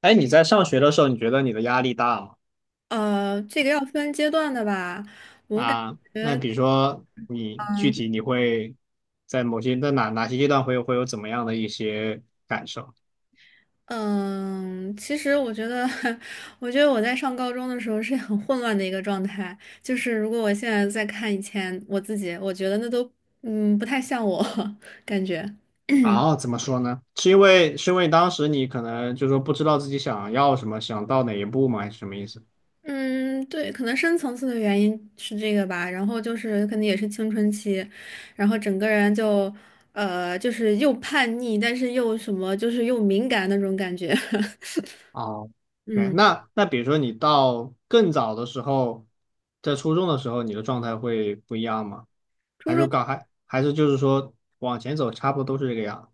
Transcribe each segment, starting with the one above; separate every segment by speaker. Speaker 1: 哎，你在上学的时候，你觉得你的压力大吗？
Speaker 2: 这个要分阶段的吧。我感，
Speaker 1: 啊，那比如说你具体你会在某些在哪些阶段会有怎么样的一些感受？
Speaker 2: 嗯，其实我觉得，我觉得我在上高中的时候是很混乱的一个状态。就是如果我现在再看以前我自己，我觉得那都，不太像我 感觉。
Speaker 1: 然后怎么说呢？是因为当时你可能就说不知道自己想要什么，想到哪一步吗？还是什么意思？
Speaker 2: 嗯，对，可能深层次的原因是这个吧。然后就是可能也是青春期，然后整个人就，就是又叛逆，但是又什么，就是又敏感那种感觉。
Speaker 1: 哦，OK，
Speaker 2: 嗯。
Speaker 1: 那比如说你到更早的时候，在初中的时候，你的状态会不一样吗？还是还是就是说往前走，差不多都是这个样？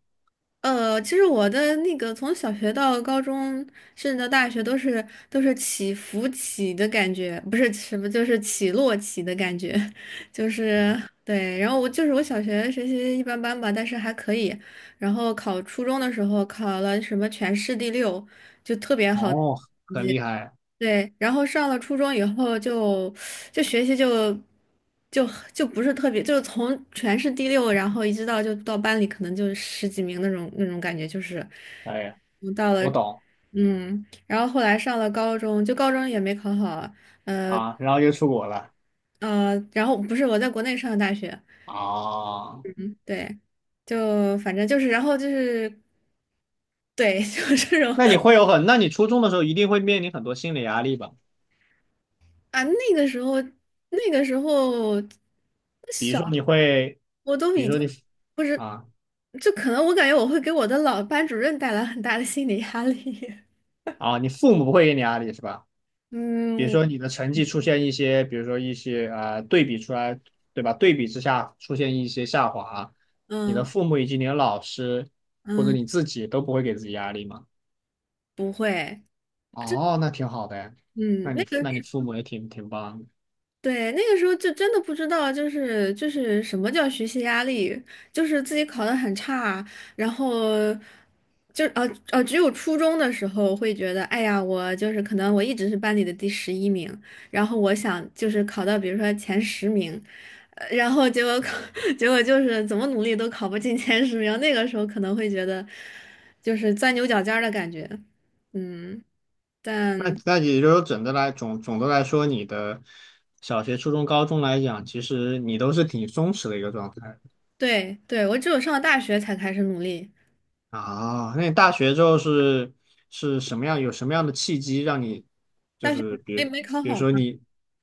Speaker 2: 其实我的那个从小学到高中，甚至到大学，都是起伏起的感觉，不是什么，就是起落起的感觉，就是对。然后我就是我小学学习一般般吧，但是还可以。然后考初中的时候考了什么全市第六，就特别好的
Speaker 1: 哦，
Speaker 2: 成
Speaker 1: 很
Speaker 2: 绩。
Speaker 1: 厉害。
Speaker 2: 对，然后上了初中以后就学习就就不是特别，就是从全市第六，然后一直到班里可能就十几名那种感觉，就是
Speaker 1: 哎呀。
Speaker 2: 嗯到了。
Speaker 1: 我懂
Speaker 2: 然后后来上了高中，就高中也没考好，呃
Speaker 1: 啊，然后又出国了
Speaker 2: 然后不是我在国内上的大学。
Speaker 1: 啊。
Speaker 2: 嗯，对，就反正就是，然后就是对，就是这种
Speaker 1: 那你会有很，那你初中的时候一定会面临很多心理压力吧？
Speaker 2: 啊，那个时候那个时候
Speaker 1: 比如
Speaker 2: 小
Speaker 1: 说你会，
Speaker 2: 我都
Speaker 1: 比
Speaker 2: 已
Speaker 1: 如说你
Speaker 2: 经。不，
Speaker 1: 啊
Speaker 2: 就可能我感觉我会给我的老班主任带来很大的心理压力。
Speaker 1: 啊，你父母不会给你压力是吧？比如
Speaker 2: 嗯
Speaker 1: 说你的成绩出现一些，比如说一些啊对比出来，对吧？对比之下出现一些下滑，你的
Speaker 2: 嗯
Speaker 1: 父母以及你的老师或者
Speaker 2: 嗯，
Speaker 1: 你自己都不会给自己压力吗？
Speaker 2: 不会，
Speaker 1: 哦，那挺好的哎，
Speaker 2: 嗯，
Speaker 1: 那
Speaker 2: 那
Speaker 1: 你
Speaker 2: 个。
Speaker 1: 那你父母也挺棒的。
Speaker 2: 对，那个时候就真的不知道，就是什么叫学习压力，就是自己考得很差，然后就只有初中的时候会觉得，哎呀，我就是可能我一直是班里的第11名，然后我想就是考到比如说前十名，然后结果考 结果就是怎么努力都考不进前十名，那个时候可能会觉得就是钻牛角尖儿的感觉。嗯，
Speaker 1: 那
Speaker 2: 但
Speaker 1: 那也就是说，整的来总总的来说，你的小学、初中、高中来讲，其实你都是挺松弛的一个状态
Speaker 2: 对对，我只有上了大学才开始努力。
Speaker 1: 啊。那你大学之后是什么样？有什么样的契机让你就
Speaker 2: 大学
Speaker 1: 是比
Speaker 2: 没
Speaker 1: 如
Speaker 2: 没考
Speaker 1: 比如
Speaker 2: 好
Speaker 1: 说
Speaker 2: 嘛。
Speaker 1: 你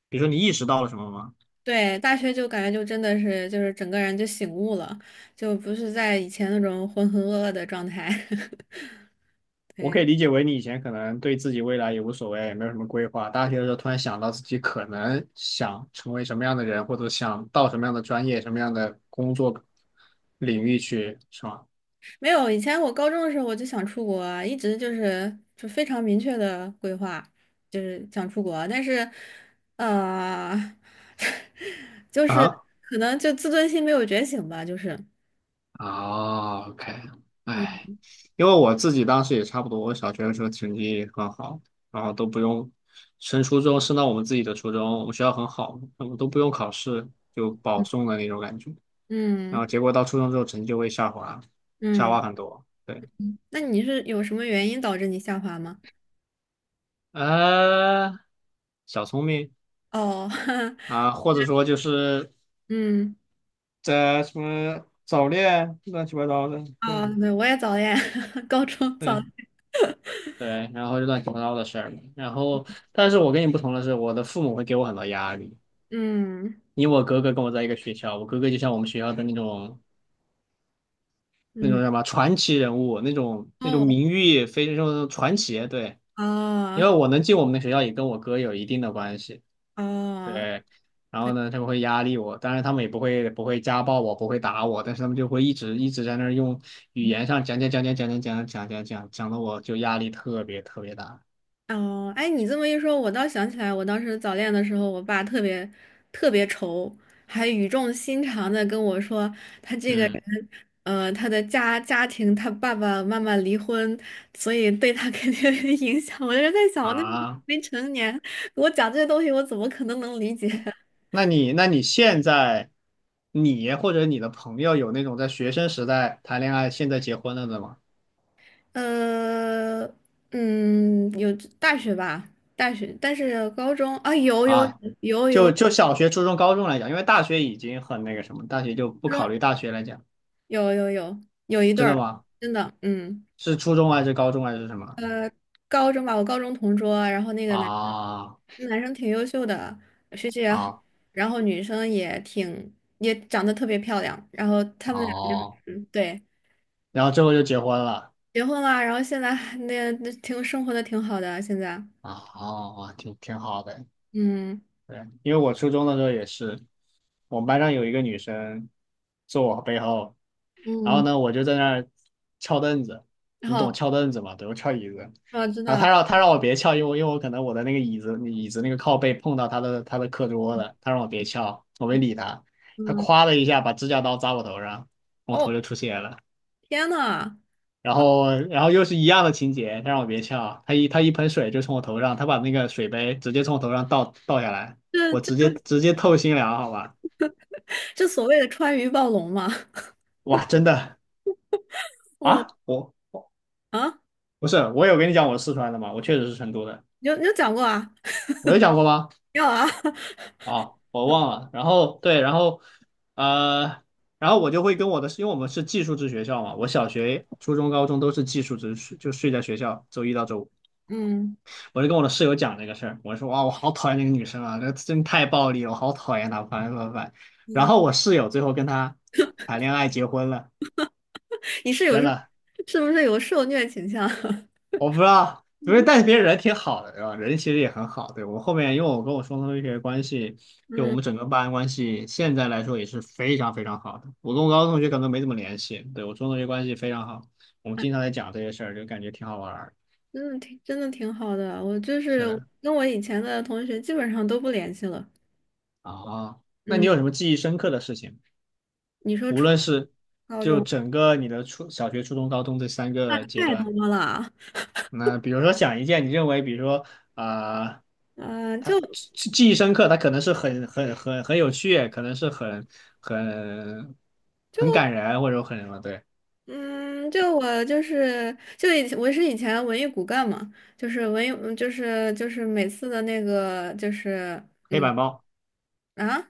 Speaker 1: 比如说你意识到了什么吗？
Speaker 2: 对，大学就感觉就真的是就是整个人就醒悟了，就不是在以前那种浑浑噩噩的状态。
Speaker 1: 我可
Speaker 2: 对，
Speaker 1: 以理解为你以前可能对自己未来也无所谓，也没有什么规划。大学的时候突然想到自己可能想成为什么样的人，或者想到什么样的专业、什么样的工作领域去，是吗？
Speaker 2: 没有，以前我高中的时候我就想出国啊，一直就是就非常明确的规划，就是想出国，但是，呃，就是
Speaker 1: 啊
Speaker 2: 可能就自尊心没有觉醒吧，就是，
Speaker 1: 哦，OK，哎，
Speaker 2: 嗯
Speaker 1: 因为我自己当时也差不多，我小学的时候成绩很好，然后都不用升初中，升到我们自己的初中，我们学校很好，我们都不用考试就保送的那种感觉。然后
Speaker 2: 嗯
Speaker 1: 结果到初中之后成绩就会下滑，下滑
Speaker 2: 嗯，
Speaker 1: 很多。对，
Speaker 2: 那你是有什么原因导致你下滑吗？
Speaker 1: 呃，小聪明
Speaker 2: 哦，
Speaker 1: 啊，或者说就是
Speaker 2: 嗯。
Speaker 1: 在什么早恋乱七八糟的，对
Speaker 2: 啊，对，我也早恋，高中早，
Speaker 1: 对。对，然后就乱七八糟的事儿嘛。然后，但是我跟你不同的是，我的父母会给我很多压力。
Speaker 2: 嗯
Speaker 1: 因为我哥哥跟我在一个学校，我哥哥就像我们学校的那种那种
Speaker 2: 嗯，
Speaker 1: 叫什么传奇人物，那种
Speaker 2: 哦
Speaker 1: 名誉非常传奇。对，因
Speaker 2: 哦
Speaker 1: 为我能进我们的学校，也跟我哥有一定的关系。
Speaker 2: 哦，
Speaker 1: 对，然后
Speaker 2: 对，
Speaker 1: 呢，他们会压力我，当然他们也不会家暴我，不会打我，但是他们就会一直在那儿用语
Speaker 2: 嗯，
Speaker 1: 言上讲讲讲讲讲讲讲讲讲讲讲的，我就压力特别大。
Speaker 2: 哦，哎，你这么一说，我倒想起来，我当时早恋的时候，我爸特别特别愁，还语重心长的跟我说，他这个人，
Speaker 1: 嗯
Speaker 2: 他的家庭，他爸爸妈妈离婚，所以对他 肯定有影响。我就在想，我那时候
Speaker 1: 啊。
Speaker 2: 没成年，我讲这些东西，我怎么能理解？
Speaker 1: 那你现在你或者你的朋友有那种在学生时代谈恋爱，现在结婚了的吗？
Speaker 2: 呃，有，大学吧，大学，但是高中啊，有有
Speaker 1: 啊，
Speaker 2: 有
Speaker 1: 就
Speaker 2: 有，
Speaker 1: 就小学、初中、高中来讲，因为大学已经很那个什么，大学就不
Speaker 2: 高中
Speaker 1: 考虑大学来讲，
Speaker 2: 有有有有一对
Speaker 1: 真的
Speaker 2: 儿，
Speaker 1: 吗？
Speaker 2: 真的，嗯，
Speaker 1: 是初中还是高中还是什么？
Speaker 2: 高中吧，我高中同桌啊，然后那个男
Speaker 1: 啊
Speaker 2: 生男生挺优秀的，学习也好，
Speaker 1: 啊
Speaker 2: 然后女生也长得特别漂亮，然后他们俩就，
Speaker 1: 哦，
Speaker 2: 对，
Speaker 1: 然后最后就结婚了
Speaker 2: 结婚了，然后现在还那挺生活的挺好的啊，现在，
Speaker 1: 啊哦，挺好的，
Speaker 2: 嗯
Speaker 1: 对，因为我初中的时候也是，我们班上有一个女生坐我背后。然后
Speaker 2: 嗯，
Speaker 1: 呢，我就在那儿翘凳子，
Speaker 2: 然
Speaker 1: 你懂
Speaker 2: 后
Speaker 1: 翘凳子吗？对，我翘椅子。
Speaker 2: 我知
Speaker 1: 然后
Speaker 2: 道，
Speaker 1: 他让我别翘，因为我可能我的那个椅子那个靠背碰到他的课桌了，他让我别翘，我没理他。他
Speaker 2: 嗯，
Speaker 1: 夸的一下把指甲刀扎我头上，我
Speaker 2: 哦，
Speaker 1: 头就出血了。
Speaker 2: 天呐！
Speaker 1: 然后又是一样的情节，他让我别翘，他一盆水就从我头上，他把那个水杯直接从我头上倒下来，
Speaker 2: 这
Speaker 1: 我直接
Speaker 2: 这
Speaker 1: 直接透心凉，好吧？
Speaker 2: 这所谓的川渝暴龙嘛，
Speaker 1: 哇，真的
Speaker 2: 我
Speaker 1: 啊，我
Speaker 2: 啊，
Speaker 1: 不是我有跟你讲我四川的吗？我确实是成都的。
Speaker 2: 你有讲过啊？
Speaker 1: 我有讲过吗？
Speaker 2: 没有啊？
Speaker 1: 啊，我忘了。然后对，然后呃，然后我就会跟我的，因为我们是寄宿制学校嘛，我小学、初中、高中都是寄宿制，睡就睡在学校，周一到周五。
Speaker 2: 嗯
Speaker 1: 我就跟我的室友讲这个事儿，我说哇，我好讨厌那个女生啊，那真太暴力了，我好讨厌她，烦烦烦。然
Speaker 2: 嗯，
Speaker 1: 后我室友最后跟她谈恋爱结婚了，
Speaker 2: 你是有
Speaker 1: 真
Speaker 2: 是
Speaker 1: 的。
Speaker 2: 是不是有受虐倾向？
Speaker 1: 我不知道，因为但是别人人挺好的，对吧？人其实也很好。对，我后面，因为我跟我双同学关系，就我
Speaker 2: 嗯，
Speaker 1: 们整个班关系，现在来说也是非常好的。我跟我高中同学可能没怎么联系，对，我中同学关系非常好，我们经常在讲这些事儿，就感觉挺好玩儿。
Speaker 2: 真的挺好的。我就是
Speaker 1: 是的，
Speaker 2: 跟我以前的同学基本上都不联系了。
Speaker 1: 啊，那你
Speaker 2: 嗯，
Speaker 1: 有什么记忆深刻的事情？
Speaker 2: 你说
Speaker 1: 无
Speaker 2: 初
Speaker 1: 论是
Speaker 2: 高
Speaker 1: 就
Speaker 2: 中？
Speaker 1: 整个你的初小学、初中、高中这三个阶
Speaker 2: 太
Speaker 1: 段，
Speaker 2: 多了，
Speaker 1: 那比如说想一件你认为，比如说啊。
Speaker 2: 嗯、
Speaker 1: 他
Speaker 2: 就
Speaker 1: 记忆深刻，他可能是很有趣，可能是很
Speaker 2: 就
Speaker 1: 很感人，或者很什么。对，
Speaker 2: 嗯，就我就是就以我是以前文艺骨干嘛，就是文艺嗯就是就是每次的那个
Speaker 1: 黑
Speaker 2: 嗯
Speaker 1: 板报，
Speaker 2: 啊。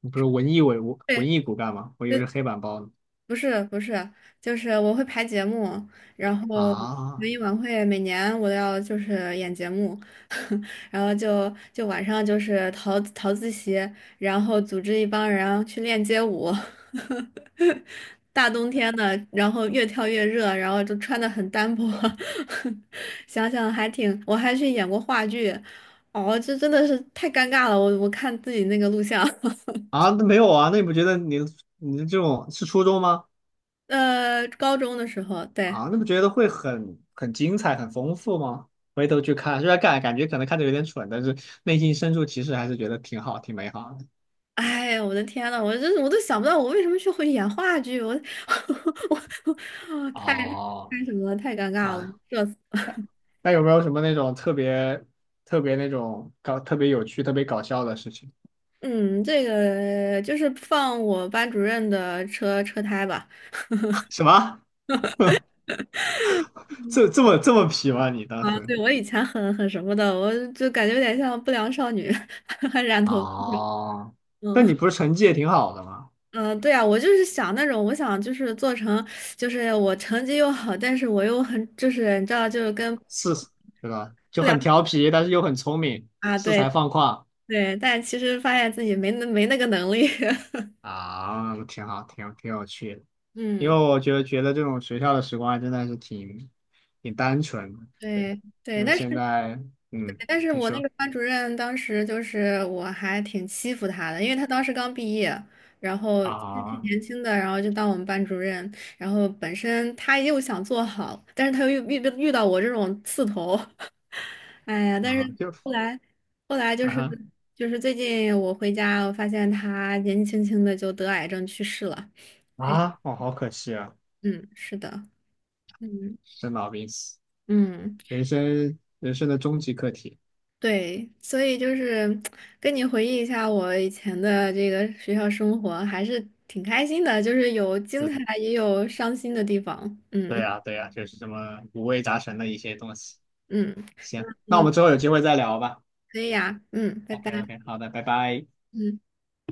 Speaker 1: 你不是文
Speaker 2: 对，
Speaker 1: 艺骨干吗？我以为
Speaker 2: 对，
Speaker 1: 是黑板报呢。
Speaker 2: 不是不是，就是我会排节目，然后文
Speaker 1: 啊
Speaker 2: 艺晚会每年我都要演节目，然后就晚上就是逃自习，然后组织一帮人去练街舞，大冬天的，然后越跳越热，然后就穿的很单薄，想想还挺，我还去演过话剧，哦，这真的是太尴尬了，我看自己那个录像，
Speaker 1: 啊，那没有啊，那你不觉得你你这种是初中吗？
Speaker 2: 高中的时候，对。
Speaker 1: 啊，那不觉得会很精彩、很丰富吗？回头去看，虽然感觉可能看着有点蠢，但是内心深处其实还是觉得挺好、挺美好的。
Speaker 2: 哎，我的天呐，我真是我都想不到我为什么去会演话剧，我 我我太
Speaker 1: 哦，
Speaker 2: 太什么了，太尴尬了，
Speaker 1: 啊，
Speaker 2: 社死。
Speaker 1: 那有没有什么那种特别那种搞特别有趣、特别搞笑的事情？
Speaker 2: 嗯，这个就是放我班主任的车胎吧。
Speaker 1: 什么？这这么皮吗？你当
Speaker 2: 啊，
Speaker 1: 时？
Speaker 2: 对，我以前很什么的，我就感觉有点像不良少女，还染头发。
Speaker 1: 哦，那
Speaker 2: 嗯
Speaker 1: 你不是成绩也挺好的吗？
Speaker 2: 嗯，对啊，我就是想那种，我想就是做成，就是我成绩又好，但是我又很，就是你知道，就是跟不
Speaker 1: 是，对吧？就
Speaker 2: 良
Speaker 1: 很调皮，但是又很聪明，
Speaker 2: 啊，
Speaker 1: 恃
Speaker 2: 对
Speaker 1: 才放旷
Speaker 2: 对，但其实发现自己没那个能力。
Speaker 1: 啊，挺好，挺有趣的。因
Speaker 2: 嗯，
Speaker 1: 为我觉得这种学校的时光还真的是挺单纯的，对。
Speaker 2: 对
Speaker 1: 因
Speaker 2: 对，
Speaker 1: 为
Speaker 2: 但
Speaker 1: 现
Speaker 2: 是
Speaker 1: 在，嗯，
Speaker 2: 但是
Speaker 1: 你
Speaker 2: 我那
Speaker 1: 说
Speaker 2: 个班主任当时就是我还挺欺负他的，因为他当时刚毕业，然后挺
Speaker 1: 啊
Speaker 2: 年轻的，然后就当我们班主任，然后本身他又想做好，但是他又遇到我这种刺头，哎呀，但
Speaker 1: 啊，
Speaker 2: 是
Speaker 1: 就
Speaker 2: 后来后来就
Speaker 1: 啊
Speaker 2: 是
Speaker 1: 哈
Speaker 2: 最近我回家，我发现他年纪轻轻的就得癌症去世了，还是
Speaker 1: 啊，哦，好可惜啊。
Speaker 2: 嗯，是的，嗯。
Speaker 1: 生老病死，
Speaker 2: 嗯。
Speaker 1: 人生的终极课题。
Speaker 2: 对，所以就是跟你回忆一下我以前的这个学校生活，还是挺开心的，就是有精
Speaker 1: 嗯，
Speaker 2: 彩，也有伤心的地方。
Speaker 1: 对
Speaker 2: 嗯
Speaker 1: 呀，对呀，就是这么五味杂陈的一些东西。
Speaker 2: 嗯，
Speaker 1: 行，那我
Speaker 2: 嗯，
Speaker 1: 们之后有机会再聊吧。
Speaker 2: 可以呀，嗯，拜拜。
Speaker 1: OK OK，好的，拜拜。
Speaker 2: 嗯。